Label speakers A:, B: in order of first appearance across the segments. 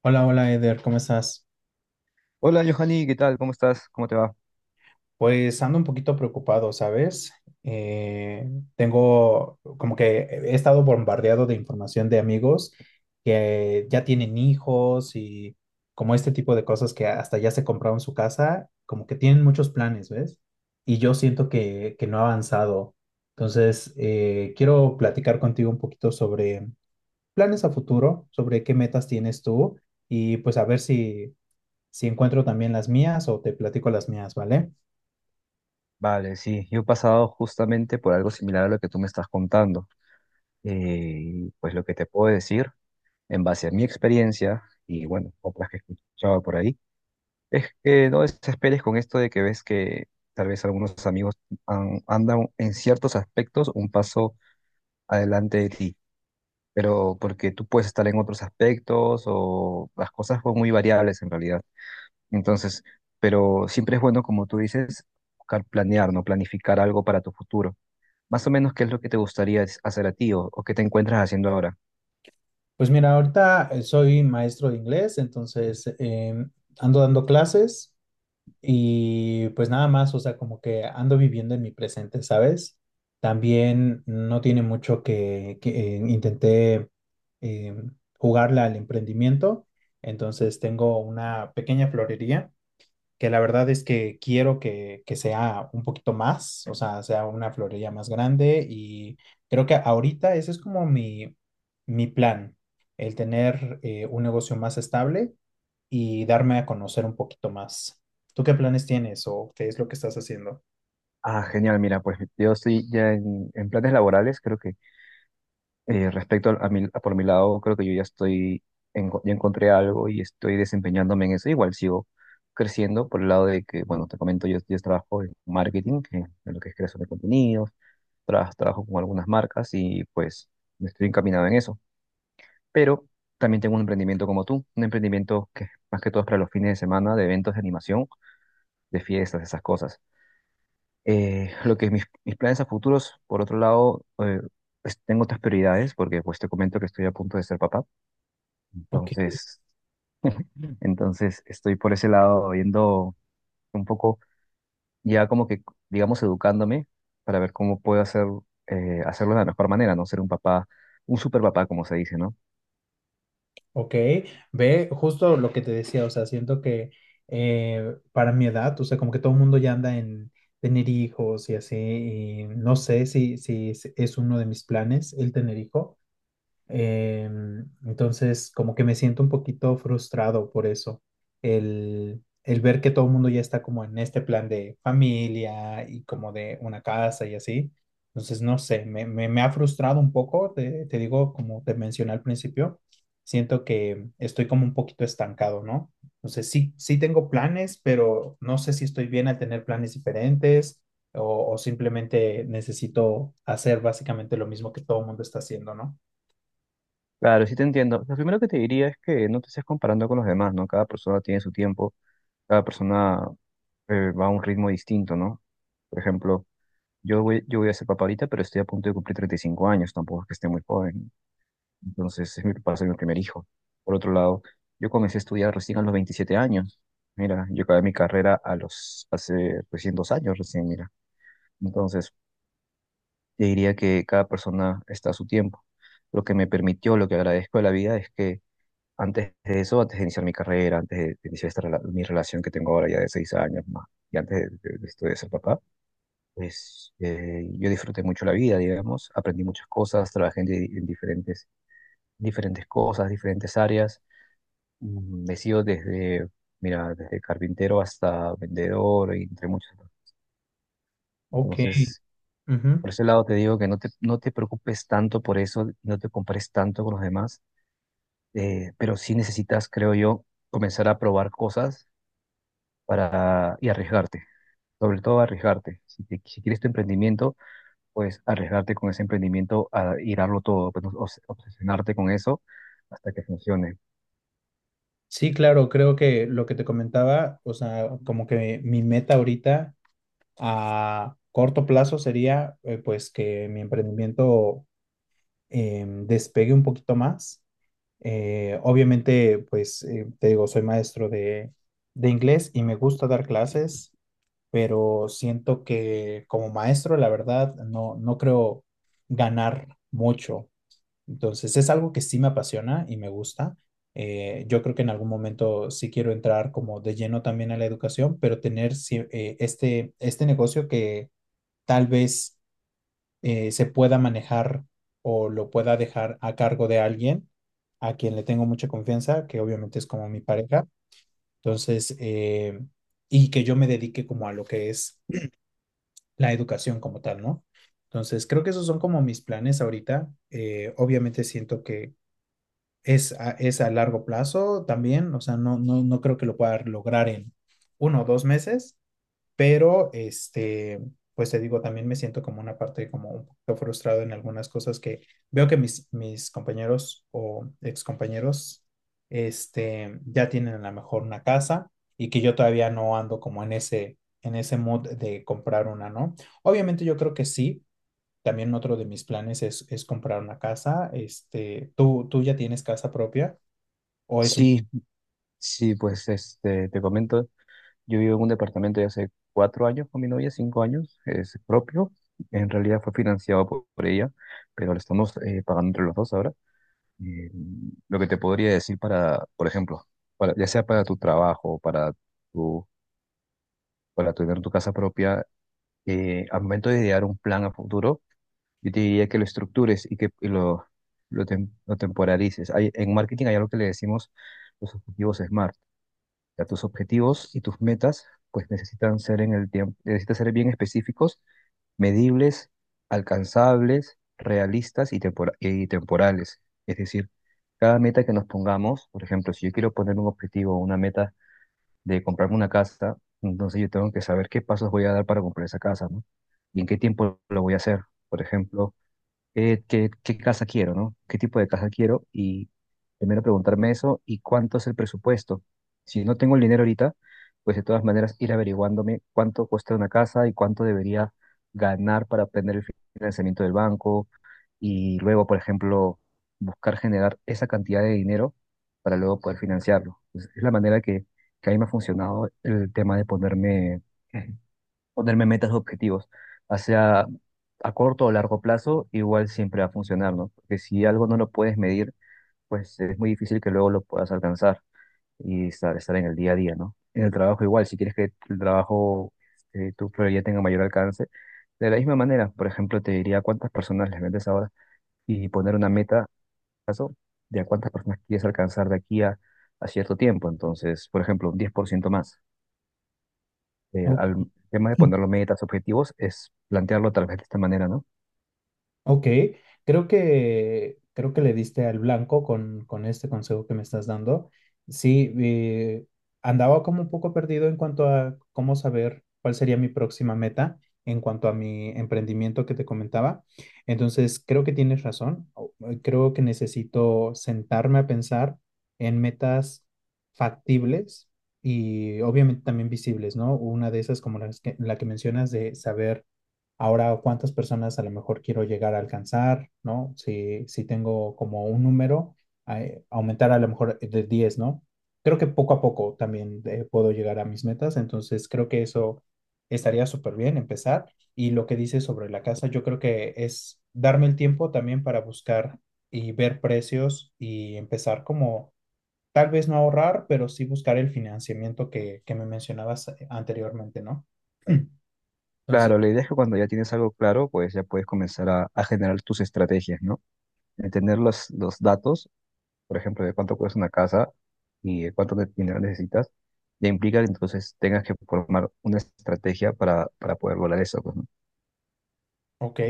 A: Hola, hola Eder, ¿cómo estás?
B: Hola, Johanny, ¿qué tal? ¿Cómo estás? ¿Cómo te va?
A: Pues ando un poquito preocupado, ¿sabes? Eh, tengo como que he estado bombardeado de información de amigos que ya tienen hijos y como este tipo de cosas que hasta ya se compraron su casa, como que tienen muchos planes, ¿ves? Y yo siento que no ha avanzado. Entonces, quiero platicar contigo un poquito sobre planes a futuro, sobre qué metas tienes tú y pues a ver si encuentro también las mías o te platico las mías, ¿vale?
B: Vale, sí, yo he pasado justamente por algo similar a lo que tú me estás contando. Pues lo que te puedo decir, en base a mi experiencia y bueno, otras que he escuchado por ahí, es que no desesperes con esto de que ves que tal vez algunos amigos andan en ciertos aspectos un paso adelante de ti, pero porque tú puedes estar en otros aspectos o las cosas son muy variables en realidad. Entonces, pero siempre es bueno, como tú dices, buscar planear, ¿no? Planificar algo para tu futuro. Más o menos, ¿qué es lo que te gustaría hacer a ti o qué te encuentras haciendo ahora?
A: Pues mira, ahorita soy maestro de inglés, entonces ando dando clases y pues nada más, o sea, como que ando viviendo en mi presente, ¿sabes? También no tiene mucho que intenté em, jugarle al emprendimiento, entonces tengo una pequeña florería que la verdad es que quiero que sea un poquito más, o sea, sea una florería más grande y creo que ahorita ese es como mi plan, el tener un negocio más estable y darme a conocer un poquito más. ¿Tú qué planes tienes o qué es lo que estás haciendo?
B: Ah, genial, mira, pues yo estoy ya en planes laborales, creo que respecto a por mi lado, creo que yo ya estoy, ya encontré algo y estoy desempeñándome en eso. Igual sigo creciendo por el lado de que, bueno, te comento, yo trabajo en marketing, en lo que es creación de contenidos, trabajo con algunas marcas y pues me estoy encaminado en eso. Pero también tengo un emprendimiento como tú, un emprendimiento que más que todo es para los fines de semana, de eventos de animación, de fiestas, esas cosas. Lo que mis planes a futuros, por otro lado, pues, tengo otras prioridades, porque pues te comento que estoy a punto de ser papá, entonces, entonces, estoy por ese lado yendo un poco, ya como que, digamos, educándome para ver cómo puedo hacer, hacerlo de la mejor manera, no ser un papá, un super papá, como se dice, ¿no?
A: Ok, ve justo lo que te decía, o sea, siento que para mi edad, o sea, como que todo el mundo ya anda en tener hijos y así, y no sé si, si es uno de mis planes el tener hijo. Entonces, como que me siento un poquito frustrado por eso. El ver que todo el mundo ya está como en este plan de familia y como de una casa y así. Entonces, no sé, me ha frustrado un poco, te digo, como te mencioné al principio, siento que estoy como un poquito estancado, ¿no? Entonces, sí, sí tengo planes, pero no sé si estoy bien al tener planes diferentes o simplemente necesito hacer básicamente lo mismo que todo el mundo está haciendo, ¿no?
B: Claro, sí te entiendo. Lo primero que te diría es que no te estés comparando con los demás, ¿no? Cada persona tiene su tiempo, cada persona va a un ritmo distinto, ¿no? Por ejemplo, yo voy a ser papá ahorita, pero estoy a punto de cumplir 35 años, tampoco es que esté muy joven. Entonces, es mi, va a ser mi primer hijo. Por otro lado, yo comencé a estudiar recién a los 27 años. Mira, yo acabé mi carrera hace recién 2 años, recién, mira. Entonces, te diría que cada persona está a su tiempo. Lo que me permitió, lo que agradezco de la vida es que antes de eso, antes de iniciar mi carrera, antes de iniciar esta, mi relación que tengo ahora ya de 6 años más, y antes de, de esto de ser papá, pues yo disfruté mucho la vida, digamos, aprendí muchas cosas, trabajé en diferentes cosas, diferentes áreas, he sido desde, mira, desde carpintero hasta vendedor, y entre muchas otras.
A: Ok,
B: Entonces,
A: ujú.
B: por ese lado te digo que no te preocupes tanto por eso, no te compares tanto con los demás, pero sí necesitas, creo yo, comenzar a probar cosas para, y arriesgarte, sobre todo arriesgarte. Si quieres tu emprendimiento, pues arriesgarte con ese emprendimiento a ir a darlo todo, pues, obsesionarte con eso hasta que funcione.
A: Sí, claro, creo que lo que te comentaba, o sea, como que mi meta ahorita a corto plazo sería pues que mi emprendimiento despegue un poquito más. Obviamente, pues te digo, soy maestro de inglés y me gusta dar clases, pero siento que como maestro, la verdad, no, no creo ganar mucho. Entonces es algo que sí me apasiona y me gusta. Yo creo que en algún momento sí quiero entrar como de lleno también a la educación, pero tener este, este negocio que tal vez se pueda manejar o lo pueda dejar a cargo de alguien a quien le tengo mucha confianza, que obviamente es como mi pareja. Entonces, y que yo me dedique como a lo que es la educación como tal, ¿no? Entonces, creo que esos son como mis planes ahorita. Obviamente siento que es a largo plazo también, o sea, no creo que lo pueda lograr en uno o dos meses, pero este, pues te digo, también me siento como una parte como un poquito frustrado en algunas cosas que veo que mis compañeros o excompañeros este, ya tienen a lo mejor una casa y que yo todavía no ando como en en ese mood de comprar una, ¿no? Obviamente yo creo que sí, también otro de mis planes es comprar una casa. Este, tú ya tienes casa propia o es
B: Sí, sí, pues este, te comento, yo vivo en un departamento de hace 4 años con mi novia, 5 años, es propio, en realidad fue financiado por ella, pero lo estamos pagando entre los dos ahora. Eh, lo que te podría decir para, por ejemplo, para, ya sea para tu trabajo, para tu, para tener tu casa propia, al momento de idear un plan a futuro, yo te diría que lo estructures y que y lo temporalices. En marketing hay algo que le decimos los objetivos SMART. O sea, tus objetivos y tus metas pues necesitan ser en el tiempo, necesitan ser bien específicos, medibles, alcanzables, realistas y, y temporales. Es decir, cada meta que nos pongamos, por ejemplo, si yo quiero poner un objetivo o una meta de comprarme una casa, entonces yo tengo que saber qué pasos voy a dar para comprar esa casa, ¿no? Y en qué tiempo lo voy a hacer. Por ejemplo, qué casa quiero, ¿no? ¿Qué tipo de casa quiero? Y primero preguntarme eso y cuánto es el presupuesto. Si no tengo el dinero ahorita, pues de todas maneras ir averiguándome cuánto cuesta una casa y cuánto debería ganar para obtener el financiamiento del banco y luego, por ejemplo, buscar generar esa cantidad de dinero para luego poder financiarlo. Entonces, es la manera que, a mí me ha funcionado el tema de ponerme, ponerme metas o objetivos, hacia a corto o largo plazo, igual siempre va a funcionar, ¿no? Porque si algo no lo puedes medir, pues es muy difícil que luego lo puedas alcanzar y estar en el día a día, ¿no? En el trabajo igual, si quieres que el trabajo, este, tu prioridad tenga mayor alcance, de la misma manera, por ejemplo, te diría cuántas personas les vendes ahora y poner una meta, caso, de a cuántas personas quieres alcanzar de aquí a cierto tiempo. Entonces, por ejemplo, un 10% más. El,
A: un...
B: al tema de poner los metas, objetivos, es plantearlo tal vez de esta manera, ¿no?
A: Ok, creo que le diste al blanco con este consejo que me estás dando. Sí, andaba como un poco perdido en cuanto a cómo saber cuál sería mi próxima meta en cuanto a mi emprendimiento que te comentaba. Entonces, creo que tienes razón. Creo que necesito sentarme a pensar en metas factibles y obviamente también visibles, ¿no? Una de esas como la que mencionas de saber ahora, ¿cuántas personas a lo mejor quiero llegar a alcanzar? ¿No? Si, si tengo como un número, aumentar a lo mejor de 10, ¿no? Creo que poco a poco también puedo llegar a mis metas, entonces creo que eso estaría súper bien empezar. Y lo que dices sobre la casa, yo creo que es darme el tiempo también para buscar y ver precios y empezar como tal vez no ahorrar, pero sí buscar el financiamiento que me mencionabas anteriormente, ¿no? Entonces...
B: Claro, la idea es que cuando ya tienes algo claro, pues ya puedes comenzar a generar tus estrategias, ¿no? De tener los datos, por ejemplo, de cuánto cuesta una casa y de cuánto de dinero necesitas, ya implica que entonces tengas que formar una estrategia para poder lograr eso, pues, ¿no?
A: Ok,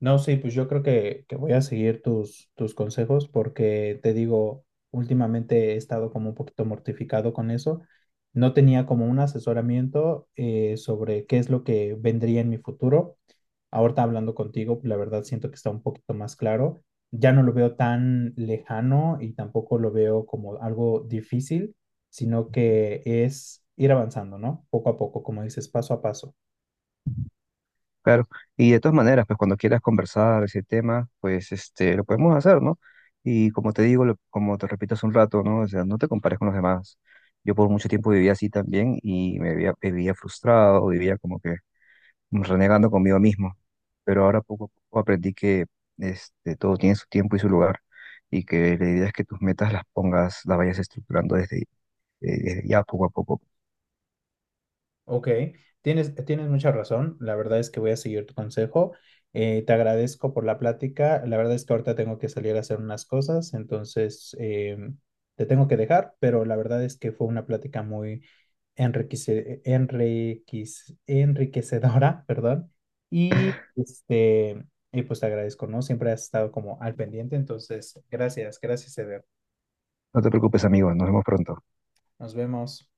A: no, sí, pues yo creo que voy a seguir tus consejos porque te digo, últimamente he estado como un poquito mortificado con eso. No tenía como un asesoramiento sobre qué es lo que vendría en mi futuro. Ahorita hablando contigo, la verdad siento que está un poquito más claro. Ya no lo veo tan lejano y tampoco lo veo como algo difícil, sino que es ir avanzando, ¿no? Poco a poco, como dices, paso a paso.
B: Claro, y de todas maneras, pues cuando quieras conversar ese tema, pues este, lo podemos hacer, ¿no? Y como te digo, lo- como te repito hace un rato, ¿no? O sea, no te compares con los demás. Yo por mucho tiempo vivía así también y me vivía, frustrado, vivía como que renegando conmigo mismo. Pero ahora poco a poco aprendí que este, todo tiene su tiempo y su lugar y que la idea es que tus metas las pongas, las vayas estructurando desde ya poco a poco.
A: Ok, tienes mucha razón. La verdad es que voy a seguir tu consejo. Te agradezco por la plática. La verdad es que ahorita tengo que salir a hacer unas cosas, entonces te tengo que dejar, pero la verdad es que fue una plática muy enriquecedora, perdón. Y, este, y pues te agradezco, ¿no? Siempre has estado como al pendiente, entonces gracias, gracias, Eder.
B: No te preocupes, amigo, nos vemos pronto.
A: Nos vemos.